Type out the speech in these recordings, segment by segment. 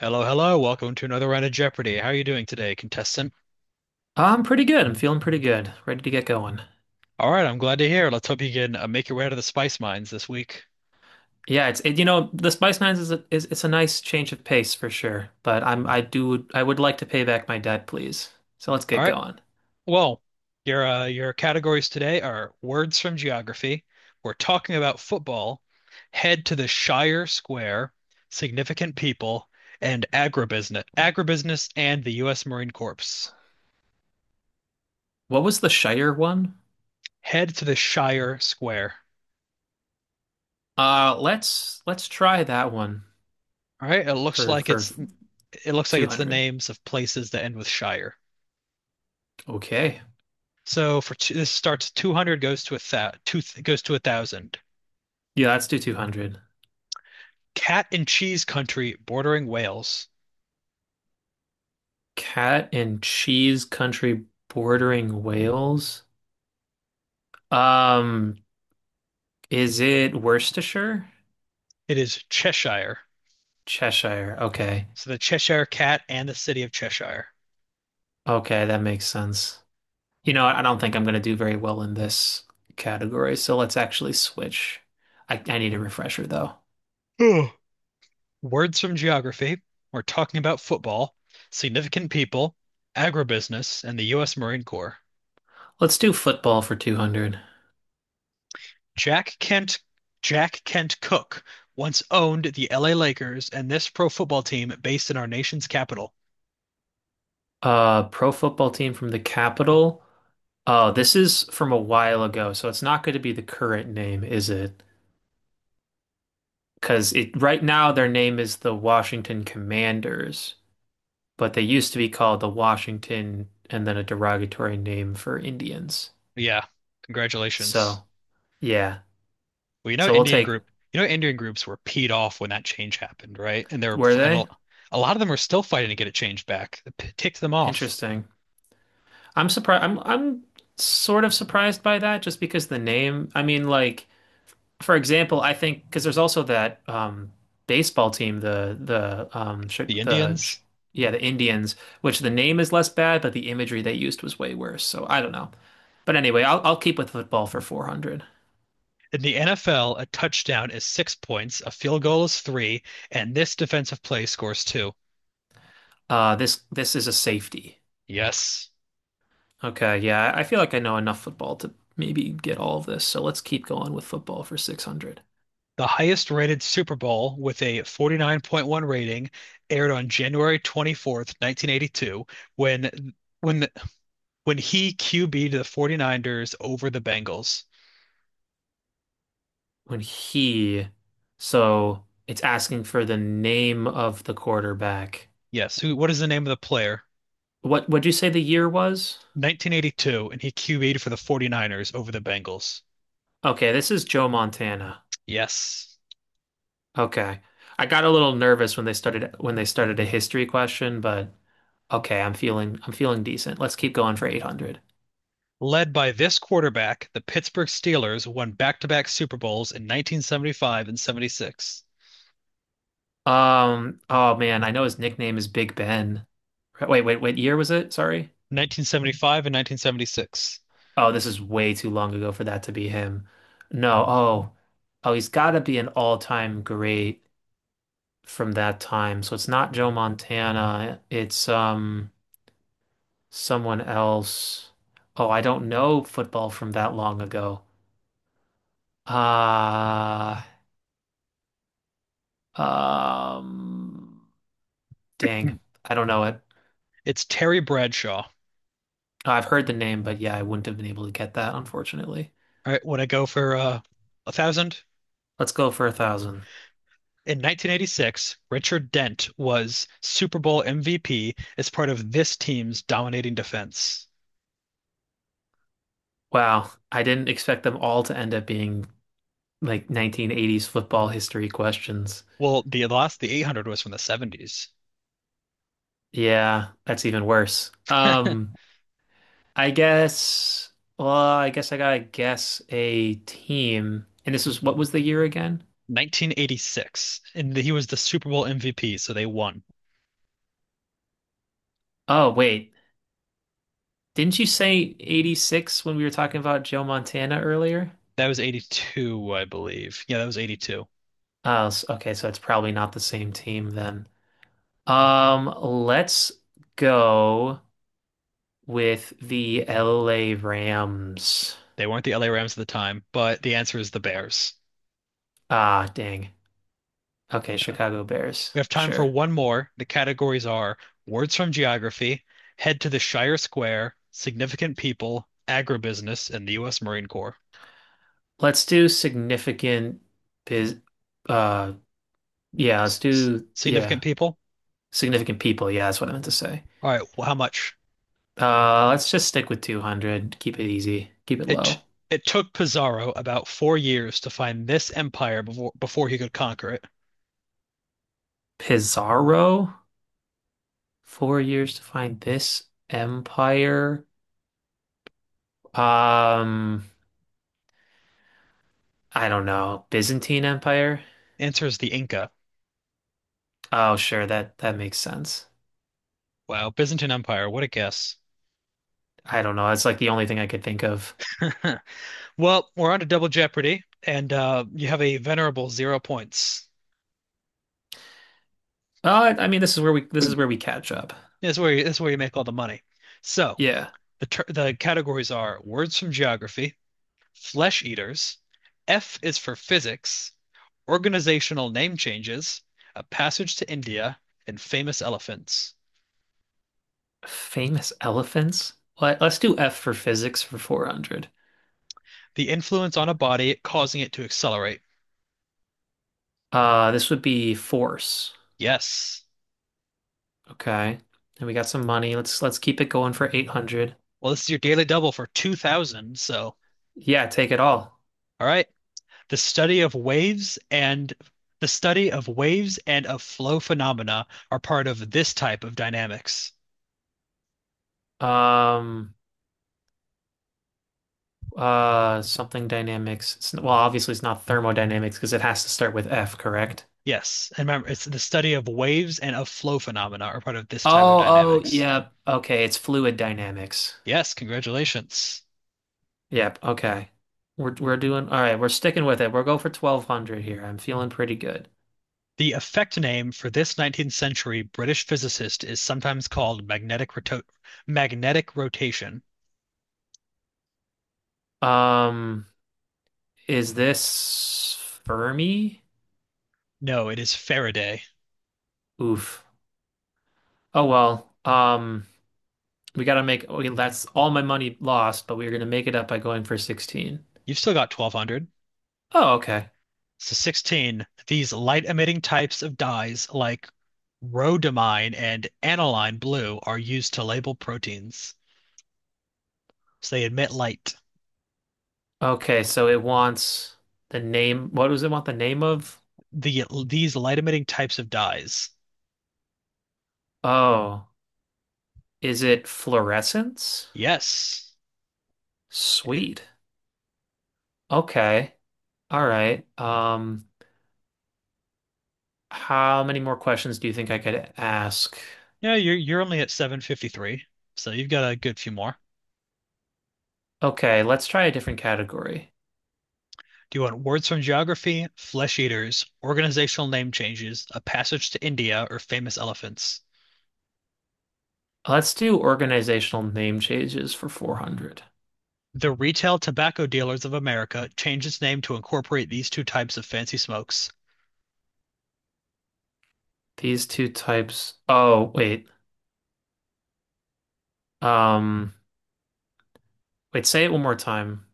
Hello, hello. Welcome to another round of Jeopardy. How are you doing today, contestant? I'm pretty good. I'm feeling pretty good. Ready to get going. All right, I'm glad to hear. Let's hope you can make your way out of the spice mines this week. Yeah, it's the Spice Nines is, a, is it's a nice change of pace for sure, but I'm I do I would like to pay back my debt, please. So let's All get right. going. Well, your categories today are words from geography. We're talking about football. Head to the Shire Square, significant people, and agribusiness, and the U.S. Marine Corps. What was the Shire one? Head to the Shire Square. Let's try that one All right. It looks for like for it's it looks like it's the 200. names of places that end with Shire. Okay. So for two, this starts 200 goes to a thousand. Yeah, let's do 200. Cat and cheese country bordering Wales. Cat and cheese country bordering Wales. Um, is it Worcestershire? It is Cheshire. Cheshire. Okay. So the Cheshire Cat and the city of Cheshire. Okay, that makes sense. You know, I don't think I'm going to do very well in this category, so let's actually switch. I need a refresher though. Ugh. Words from geography. We're talking about football, significant people, agribusiness, and the U.S. Marine Corps. Let's do football for 200. Jack Kent, Jack Kent Cook once owned the LA Lakers and this pro football team based in our nation's capital. Pro football team from the capital. Oh, this is from a while ago, so it's not going to be the current name, is it? Because it right now their name is the Washington Commanders, but they used to be called the Washington and then a derogatory name for Indians. Yeah, congratulations. So, yeah. Well, So we'll take, Indian groups were peed off when that change happened, right? And they're were and they? a lot of them are still fighting to get it changed back. It ticked them off. Interesting. I'm surprised. I'm sort of surprised by that just because the name. I mean, like for example, I think because there's also that baseball team, the sh The the sh Indians. yeah, the Indians, which the name is less bad, but the imagery they used was way worse. So I don't know. But anyway, I'll keep with football for 400. In the NFL, a touchdown is 6 points, a field goal is three, and this defensive play scores two. This is a safety. Yes. Okay, yeah, I feel like I know enough football to maybe get all of this. So let's keep going with football for 600. The highest rated Super Bowl with a 49.1 rating aired on January 24th, 1982, when when the- when he QB'd the 49ers over the Bengals. when he, so it's asking for the name of the quarterback. Yes, who what is the name of the player? What would you say the year was? 1982, and he QB'd for the 49ers over the Bengals. Okay, this is Joe Montana. Yes. Okay. I got a little nervous when they started a history question, but okay, I'm feeling decent. Let's keep going for 800. Led by this quarterback, the Pittsburgh Steelers won back-to-back Super Bowls in 1975 and 76. Oh man, I know his nickname is Big Ben. Wait, wait, wait, year was it? Sorry. 1975 and 1976. Oh, this is way too long ago for that to be him. No, oh. Oh, he's got to be an all-time great from that time. So it's not Joe Montana. It's someone else. Oh, I don't know football from that long ago. Uh um Dang. Hmm. I don't know it. It's Terry Bradshaw. I've heard the name, but yeah, I wouldn't have been able to get that, unfortunately. All right, when I go for a thousand. Let's go for 1,000. In 1986, Richard Dent was Super Bowl MVP as part of this team's dominating defense. Wow, I didn't expect them all to end up being like 1980s football history questions. Well, the 800 was from the 70s. Yeah, that's even worse. I guess, well, I guess I gotta guess a team. And this was, what was the year again? 1986, and he was the Super Bowl MVP, so they won. Oh, wait. Didn't you say 86 when we were talking about Joe Montana earlier? That was 82, I believe. Yeah, that was 82. Oh, okay, so it's probably not the same team then. Let's go with the LA Rams. They weren't the LA Rams at the time, but the answer is the Bears. Ah, dang. Okay, Uh, Chicago Bears. we have time for Sure. one more. The categories are words from geography, head to the Shire Square, significant people, agribusiness, and the U.S. Marine Corps. Let's do significant biz uh yeah, let's S- do Significant yeah. people? Significant people, yeah, that's what I meant to say. All right, well, how much? Let's just stick with 200. Keep it easy. Keep it It low. it took Pizarro about 4 years to find this empire before he could conquer it. Pizarro, 4 years to find this empire. Um, I don't know. Byzantine Empire? Answer is the Inca. Oh, sure, that makes sense. Wow, Byzantine Empire, what a guess. I don't know. That's like the only thing I could think of. Well, we're on to Double Jeopardy, and you have a venerable 0 points. I mean, this is where we catch up. That's where you make all the money. So Yeah. the categories are words from geography, flesh eaters, F is for physics, organizational name changes, a passage to India, and famous elephants. Famous elephants? Let's do F for physics for 400. The influence on a body causing it to accelerate. This would be force. Yes. Okay. And we got some money. Let's keep it going for 800. Well, this is your daily double for 2000, so Yeah, take it all. all right. the study of waves and the study of waves and of flow phenomena are part of this type of dynamics. Um Something dynamics. Well, obviously it's not thermodynamics because it has to start with F, correct? Yes, and remember, it's the study of waves and of flow phenomena are part of this type of Oh, oh, dynamics. yeah. Okay, it's fluid dynamics. Yes, congratulations. Yep, okay. We're doing all right, we're sticking with it. We'll go for 1200 here. I'm feeling pretty good. The effect name for this 19th century British physicist is sometimes called magnetic rotation. Um is this Fermi? No, it is Faraday. Oof. Oh well. We got to make, Okay, that's all my money lost, but we're going to make it up by going for 16. You've still got 1200. Oh, okay. So 16, these light emitting types of dyes like rhodamine and aniline blue are used to label proteins. So they emit light. Okay, so it wants the name. What does it want the name of? These light emitting types of dyes. Oh, is it fluorescence? Yes. Sweet. Okay. All right. How many more questions do you think I could ask? Yeah, you're only at 753, so you've got a good few more. Okay, let's try a different category. Do you want words from geography, flesh eaters, organizational name changes, a passage to India, or famous elephants? Let's do organizational name changes for 400. The Retail Tobacco Dealers of America changed its name to incorporate these two types of fancy smokes. These two types. Oh, wait. Um, Wait, say it one more time.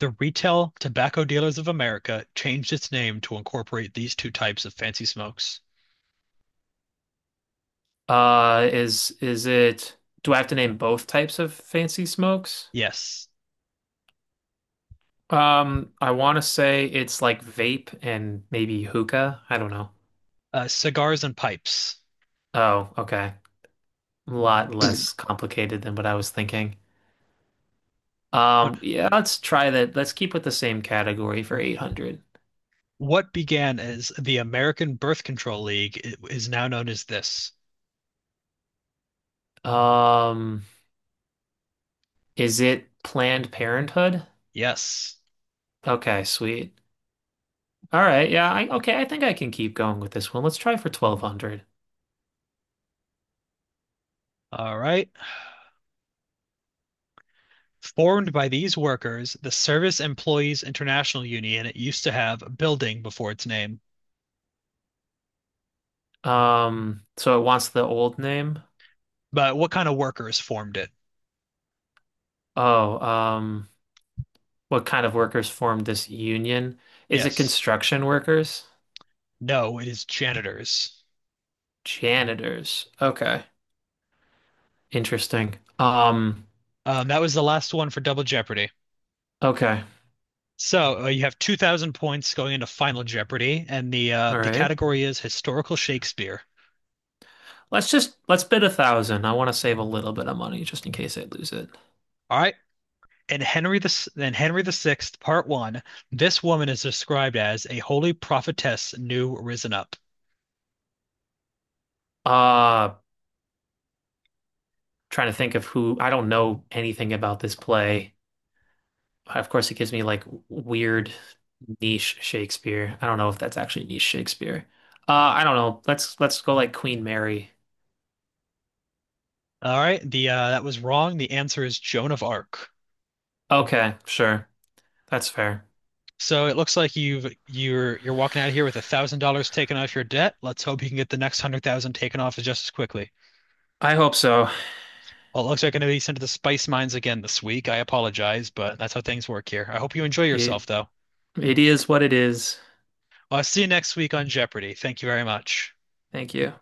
The Retail Tobacco Dealers of America changed its name to incorporate these two types of fancy smokes. Is it? Do I have to name both types of fancy smokes? Yes, I want to say it's like vape and maybe hookah. I don't know. Cigars and pipes. Oh, okay. A lot less complicated than what I was thinking. What, Yeah, let's try that. Let's keep with the same category for 800. what began as the American Birth Control League is now known as this. Um, is it Planned Parenthood? Yes. Okay, sweet. All right, yeah, I okay, I think I can keep going with this one. Let's try for 1200. All right. Formed by these workers, the Service Employees International Union used to have a building before its name. So it wants the old name. But what kind of workers formed it? Oh, what kind of workers formed this union? Is it Yes. construction workers? No, it is janitors. Janitors. Okay. Interesting. That was the last one for Double Jeopardy. Okay. So you have 2,000 points going into Final Jeopardy, and the uh, All the right. category is historical Shakespeare. Let's just let's bid 1,000. I want to save a little bit of money just in case I lose it. All right. In Henry the Sixth, Part One, this woman is described as a holy prophetess new risen up. Uh, Trying to think of who I don't know anything about this play. Of course, it gives me like weird niche Shakespeare. I don't know if that's actually niche Shakespeare. I don't know. Let's go like Queen Mary. All right. The that was wrong. The answer is Joan of Arc. Okay, sure. That's fair. So it looks like you're walking out of here with $1,000 taken off your debt. Let's hope you can get the next 100,000 taken off just as quickly. I hope so. Well, it looks like I'm going to be sent to the spice mines again this week. I apologize, but that's how things work here. I hope you enjoy It yourself, though. it is what it is. Well, I'll see you next week on Jeopardy. Thank you very much. Thank you.